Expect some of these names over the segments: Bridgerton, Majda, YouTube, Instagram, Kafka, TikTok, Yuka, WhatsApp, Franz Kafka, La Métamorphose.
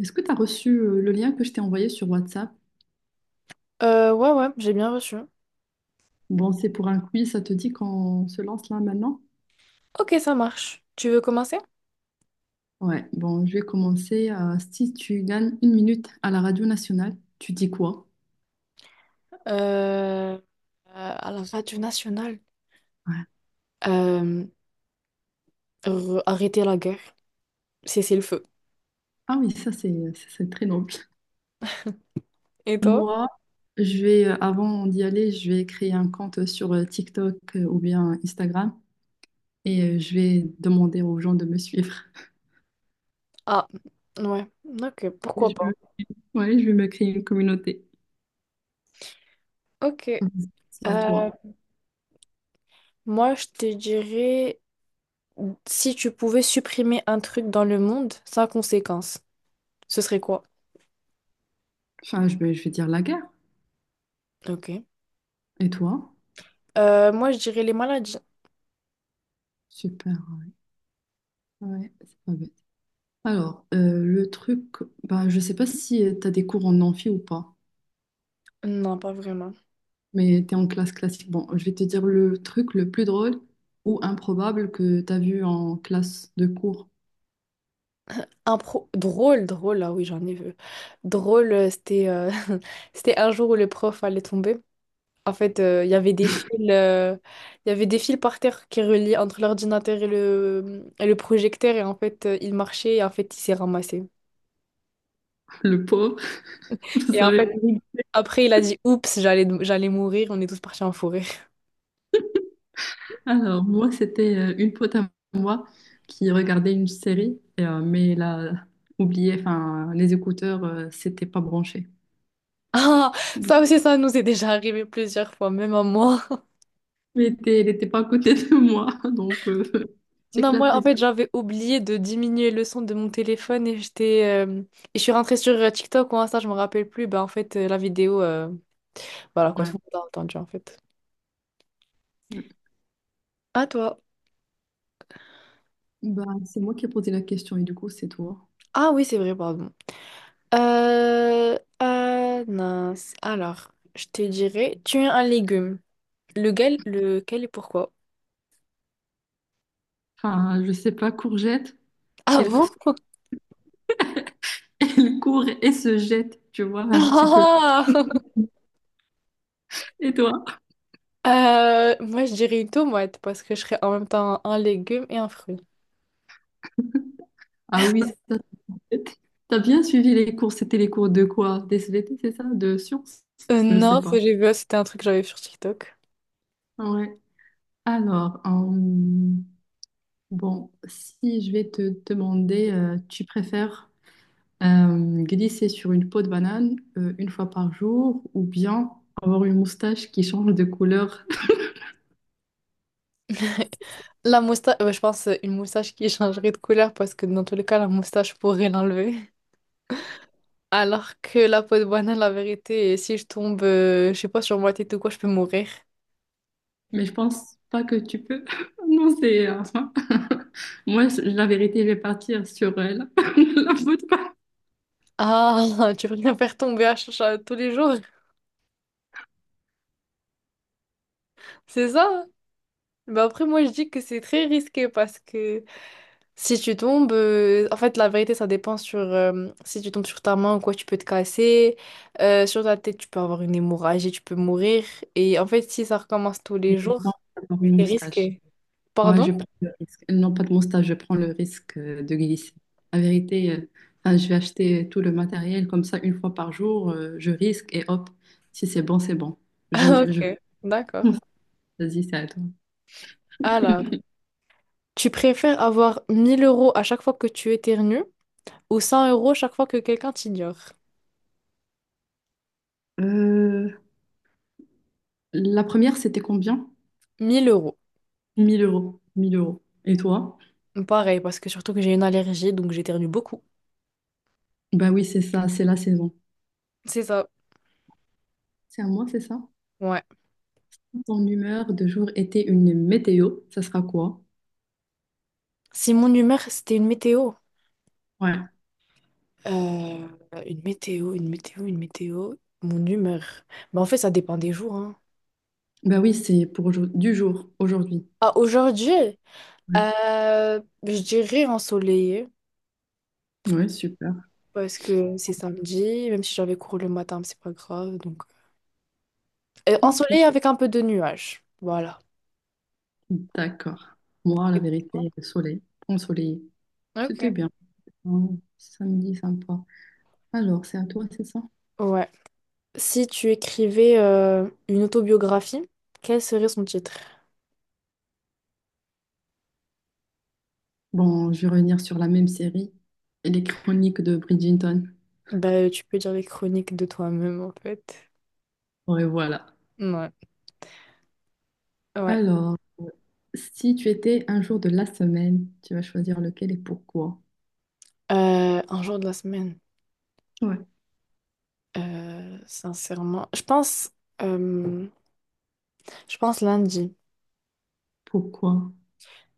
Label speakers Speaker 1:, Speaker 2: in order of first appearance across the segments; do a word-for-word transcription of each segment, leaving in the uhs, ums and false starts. Speaker 1: Est-ce que tu as reçu euh, le lien que je t'ai envoyé sur WhatsApp?
Speaker 2: Euh, ouais, ouais, j'ai bien reçu.
Speaker 1: Bon, c'est pour un quiz, ça te dit qu'on se lance là maintenant?
Speaker 2: Ok, ça marche. Tu veux commencer?
Speaker 1: Ouais, bon, je vais commencer. euh, si tu gagnes une minute à la radio nationale, tu dis quoi?
Speaker 2: Euh, euh, à la radio nationale.
Speaker 1: Ouais.
Speaker 2: Euh, re- Arrêter la guerre. Cesser le feu.
Speaker 1: Ah oui, ça c'est ça, c'est très noble.
Speaker 2: Et toi?
Speaker 1: Moi, je vais, euh, avant d'y aller, je vais créer un compte sur euh, TikTok, euh, ou bien Instagram, et euh, je vais demander aux gens de me suivre.
Speaker 2: Ah, ouais. Ok,
Speaker 1: Je
Speaker 2: pourquoi
Speaker 1: vais-
Speaker 2: pas.
Speaker 1: ouais, je vais me créer une communauté.
Speaker 2: Ok.
Speaker 1: C'est à toi.
Speaker 2: Euh, Moi, je te dirais, si tu pouvais supprimer un truc dans le monde sans conséquence, ce serait quoi?
Speaker 1: Enfin, je vais, je vais dire la guerre.
Speaker 2: Ok.
Speaker 1: Et toi?
Speaker 2: Euh, moi, je dirais les maladies.
Speaker 1: Super. Ouais, c'est pas bête. Alors, euh, le truc, bah, je sais pas si tu as des cours en amphi ou pas,
Speaker 2: Non, pas vraiment.
Speaker 1: mais tu es en classe classique. Bon, je vais te dire le truc le plus drôle ou improbable que tu as vu en classe de cours.
Speaker 2: Impro drôle, drôle, ah oui, j'en ai vu. Drôle, euh, c'était euh, c'était un jour où le prof allait tomber. En fait, euh, il y avait des fils, euh, il y avait des fils par terre qui reliaient entre l'ordinateur et le, et le projecteur. Et en fait, euh, il marchait et en fait, il s'est ramassé.
Speaker 1: Le pauvre, vous
Speaker 2: Et en
Speaker 1: savez.
Speaker 2: fait, après, il a dit, Oups, j'allais j'allais mourir. On est tous partis en forêt.
Speaker 1: Alors, moi, c'était euh, une pote à moi qui regardait une série, et, euh, mais elle a oublié, enfin, les écouteurs, euh, c'était pas branché.
Speaker 2: Ah, ça aussi, ça nous est déjà arrivé plusieurs fois, même à moi.
Speaker 1: Mais t'es, elle était pas à côté de moi, donc euh,
Speaker 2: Non, moi, en
Speaker 1: j'éclatais de.
Speaker 2: fait, j'avais oublié de diminuer le son de mon téléphone et j'étais. euh, Et je suis rentrée sur euh, TikTok ou Insta, je me rappelle plus. Bah, en fait, euh, la vidéo. euh, Voilà quoi,
Speaker 1: Ouais.
Speaker 2: tout le monde a entendu en fait. À toi.
Speaker 1: Bah, c'est moi qui ai posé la question et du coup, c'est toi.
Speaker 2: Ah oui, c'est vrai, pardon. Euh... euh, mince. Alors, je te dirais, tu es un légume. Lequel, lequel et pourquoi?
Speaker 1: Enfin, je sais pas, courgette,
Speaker 2: Ah
Speaker 1: elle,
Speaker 2: bon?
Speaker 1: elle court et se jette, tu vois, un petit peu. Et toi?
Speaker 2: Ah, Euh, moi, je dirais une tomate parce que je serais en même temps un légume et un fruit.
Speaker 1: Ah oui, ça te jette. T'as bien suivi les cours, c'était les cours de quoi? Des S V T, c'est ça? De sciences?
Speaker 2: Euh,
Speaker 1: Je sais
Speaker 2: non, ça,
Speaker 1: pas.
Speaker 2: j'ai vu, c'était un truc que j'avais vu sur TikTok.
Speaker 1: Ouais. Alors, euh, bon, si je vais te demander, euh, tu préfères euh, glisser sur une peau de banane euh, une fois par jour, ou bien avoir une moustache qui change de couleur?
Speaker 2: La moustache, je pense euh, une moustache qui changerait de couleur parce que dans tous les cas, la moustache pourrait l'enlever. Alors que la peau de banane, la vérité, si je tombe, euh, je sais pas, sur ma tête ou quoi, je peux mourir.
Speaker 1: Mais je pense pas que tu peux. Non, c'est... euh, enfin, moi, la vérité, je vais partir sur euh, la, la faute pas.
Speaker 2: Ah, tu veux bien faire tomber à, ch- ch- tous les jours, c'est ça? Mais après, moi, je dis que c'est très risqué parce que si tu tombes, euh, en fait, la vérité, ça dépend sur euh, si tu tombes sur ta main ou quoi, tu peux te casser. Euh, sur ta tête, tu peux avoir une hémorragie, tu peux mourir. Et en fait, si ça recommence tous
Speaker 1: Mais
Speaker 2: les
Speaker 1: je
Speaker 2: jours,
Speaker 1: pense avoir une
Speaker 2: c'est
Speaker 1: moustache.
Speaker 2: risqué.
Speaker 1: Moi,
Speaker 2: Pardon?
Speaker 1: je prends le risque. Non, pas de moustache, je prends le risque euh, de glisser. La vérité, euh, enfin, je vais acheter tout le matériel comme ça une fois par jour. euh, je risque et hop, si c'est bon, c'est bon. J'aime, je.
Speaker 2: Ok, d'accord.
Speaker 1: Vas-y, c'est à toi.
Speaker 2: Alors, tu préfères avoir mille euros à chaque fois que tu éternues ou cent euros chaque fois que quelqu'un t'ignore?
Speaker 1: Euh, la première, c'était combien?
Speaker 2: Mille euros.
Speaker 1: Mille euros. Mille euros. Et toi?
Speaker 2: Pareil, parce que surtout que j'ai une allergie, donc j'éternue beaucoup.
Speaker 1: Bah oui, c'est ça, c'est la saison.
Speaker 2: C'est ça,
Speaker 1: C'est à moi, c'est ça?
Speaker 2: ouais.
Speaker 1: Ton humeur de jour était une météo, ça sera quoi?
Speaker 2: Si mon humeur, c'était une météo.
Speaker 1: Ouais.
Speaker 2: Euh, une météo, une météo, une météo. Mon humeur. Bah, en fait, ça dépend des jours, hein.
Speaker 1: Bah oui, c'est pour aujourd- du jour, aujourd'hui.
Speaker 2: Ah, aujourd'hui,
Speaker 1: Ouais.
Speaker 2: euh, je dirais ensoleillé,
Speaker 1: Ouais, super.
Speaker 2: parce que c'est samedi, même si j'avais cours le matin, mais c'est pas grave, donc... Euh,
Speaker 1: Ok.
Speaker 2: ensoleillé avec un peu de nuages. Voilà.
Speaker 1: D'accord. Moi, la vérité, le soleil, ensoleillé. C'était
Speaker 2: Ok.
Speaker 1: bien. Ouais, samedi, sympa. Alors, c'est à toi, c'est ça?
Speaker 2: Ouais. Si tu écrivais euh, une autobiographie, quel serait son titre?
Speaker 1: Bon, je vais revenir sur la même série, les chroniques de Bridgerton.
Speaker 2: Bah, tu peux dire les chroniques de toi-même, en fait.
Speaker 1: Ouais, voilà.
Speaker 2: Ouais. Ouais.
Speaker 1: Alors, si tu étais un jour de la semaine, tu vas choisir lequel et pourquoi?
Speaker 2: Euh, un jour de la semaine.
Speaker 1: Ouais.
Speaker 2: Euh, sincèrement, je pense, euh, je pense lundi.
Speaker 1: Pourquoi?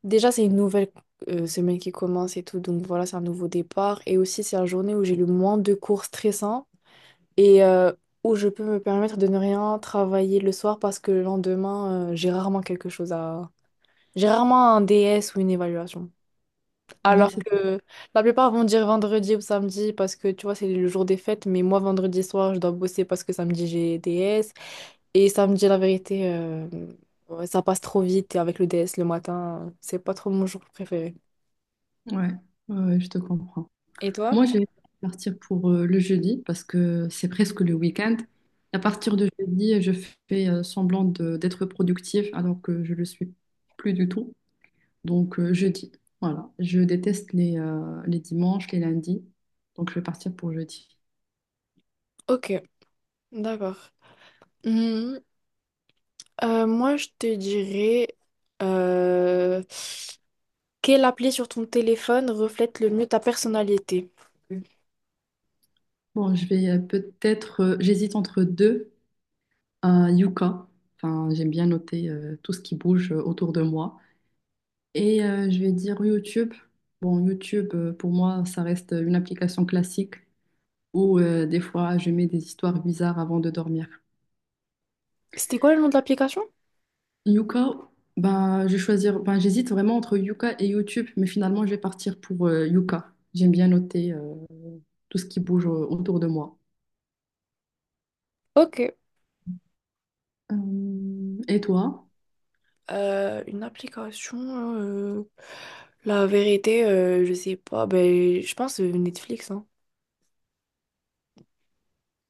Speaker 2: Déjà, c'est une nouvelle euh, semaine qui commence et tout, donc voilà, c'est un nouveau départ. Et aussi, c'est la journée où j'ai le moins de cours stressants et euh, où je peux me permettre de ne rien travailler le soir parce que le lendemain, euh, j'ai rarement quelque chose à... J'ai rarement un D S ou une évaluation.
Speaker 1: Ouais,
Speaker 2: Alors
Speaker 1: c'est
Speaker 2: que la plupart vont dire vendredi ou samedi parce que tu vois, c'est le jour des fêtes, mais moi, vendredi soir, je dois bosser parce que samedi, j'ai D S. Et samedi, la vérité, euh, ouais, ça passe trop vite et avec le D S le matin, c'est pas trop mon jour préféré.
Speaker 1: Ouais, ouais, ouais, je te comprends.
Speaker 2: Et toi?
Speaker 1: Moi, je vais partir pour euh, le jeudi parce que c'est presque le week-end. À
Speaker 2: Mm.
Speaker 1: partir de jeudi, je fais euh, semblant de- d'être productive alors que je le suis plus du tout. Donc, euh, jeudi. Voilà. Je déteste les, euh, les dimanches, les lundis. Donc, je vais partir pour jeudi.
Speaker 2: Ok, d'accord. Euh, moi, je te dirais euh, quelle appli sur ton téléphone reflète le mieux ta personnalité?
Speaker 1: Bon, je vais euh, peut-être. euh, j'hésite entre deux. Un yucca. Enfin, j'aime bien noter euh, tout ce qui bouge euh, autour de moi. Et euh, je vais dire YouTube. Bon, YouTube, euh, pour moi, ça reste une application classique où euh, des fois, je mets des histoires bizarres avant de dormir.
Speaker 2: C'était quoi le nom de l'application?
Speaker 1: Yuka, ben, je vais choisir, ben, j'hésite vraiment entre Yuka et YouTube, mais finalement, je vais partir pour euh, Yuka. J'aime bien noter euh, tout ce qui bouge euh, autour de moi.
Speaker 2: Ok.
Speaker 1: Euh, et toi?
Speaker 2: Euh, une application, euh, la vérité, euh, je sais pas. Ben, je pense euh, Netflix, hein.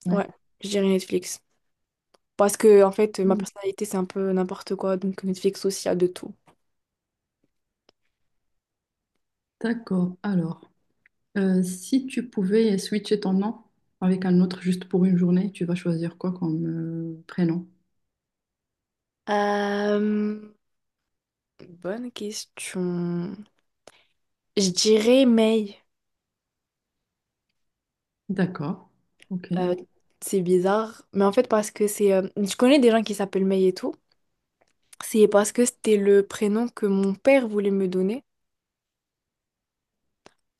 Speaker 1: Ouais.
Speaker 2: Ouais, je dirais Netflix. Parce que, en fait, ma personnalité, c'est un peu n'importe quoi. Donc, Netflix aussi a de tout.
Speaker 1: D'accord. Alors, euh, si tu pouvais switcher ton nom avec un autre juste pour une journée, tu vas choisir quoi comme euh, prénom?
Speaker 2: Euh, Bonne question. Je dirais Mail.
Speaker 1: D'accord. Ok.
Speaker 2: Euh, c'est bizarre, mais en fait parce que c'est... euh, je connais des gens qui s'appellent May et tout. C'est parce que c'était le prénom que mon père voulait me donner.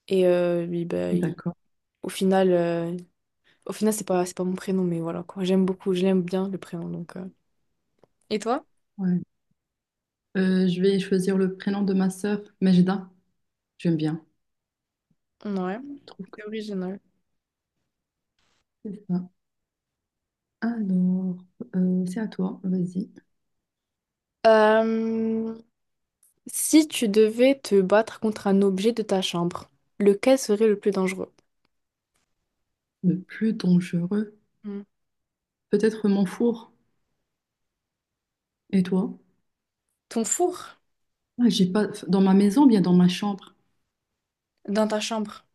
Speaker 2: Et euh, lui, bah, il-
Speaker 1: D'accord.
Speaker 2: au final, euh, au final c'est pas, c'est pas mon prénom, mais voilà quoi. J'aime beaucoup, je l'aime bien le prénom. Donc, euh. Et toi?
Speaker 1: Ouais. Euh, je vais choisir le prénom de ma sœur, Majda. J'aime bien.
Speaker 2: Ouais,
Speaker 1: Je trouve que
Speaker 2: c'est original.
Speaker 1: c'est ça. Alors, euh, c'est à toi. Vas-y.
Speaker 2: Euh, Si tu devais te battre contre un objet de ta chambre, lequel serait le plus dangereux?
Speaker 1: Le plus dangereux.
Speaker 2: Hmm.
Speaker 1: Peut-être mon four. Et toi?
Speaker 2: Ton four
Speaker 1: Ah, j'ai pas. Dans ma maison, ou bien dans ma chambre.
Speaker 2: dans ta chambre.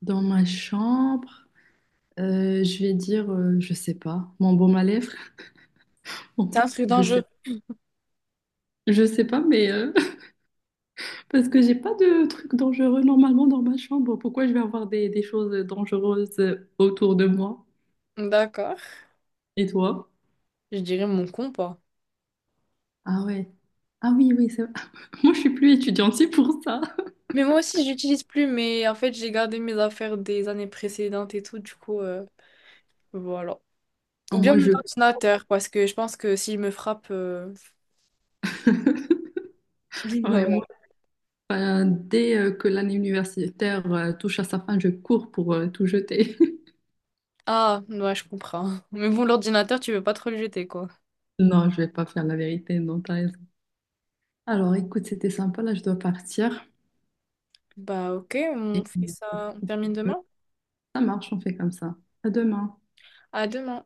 Speaker 1: Dans ma chambre, euh, je vais dire, euh, je sais pas. Mon baume à lèvres. Bon,
Speaker 2: C'est un truc
Speaker 1: je sais,
Speaker 2: dangereux.
Speaker 1: je sais pas, mais. euh, Parce que j'ai pas de trucs dangereux normalement dans ma chambre. Pourquoi je vais avoir des, des choses dangereuses autour de moi?
Speaker 2: D'accord.
Speaker 1: Et toi?
Speaker 2: Je dirais mon compas.
Speaker 1: Ah ouais. Ah oui, oui, c'est moi, je suis plus étudiante, c'est pour ça.
Speaker 2: Mais moi aussi, j'utilise plus, mais en fait, j'ai gardé mes affaires des années précédentes et tout, du coup, euh, voilà.
Speaker 1: Ah,
Speaker 2: Ou bien
Speaker 1: moi,
Speaker 2: mon
Speaker 1: je.
Speaker 2: ordinateur, parce que je pense que s'il me frappe. euh,
Speaker 1: ouais, moi,
Speaker 2: ouais.
Speaker 1: euh, dès euh, que l'année universitaire euh, touche à sa fin, je cours pour euh, tout jeter.
Speaker 2: Ah, ouais, je comprends. Mais bon, l'ordinateur, tu veux pas trop le jeter, quoi.
Speaker 1: Non, je vais pas faire la vérité, non, t'as raison. Alors, écoute, c'était sympa, là, je dois partir.
Speaker 2: Bah, ok, on
Speaker 1: Et
Speaker 2: fait ça, on termine
Speaker 1: euh,
Speaker 2: demain.
Speaker 1: ça marche, on fait comme ça. À demain.
Speaker 2: À demain.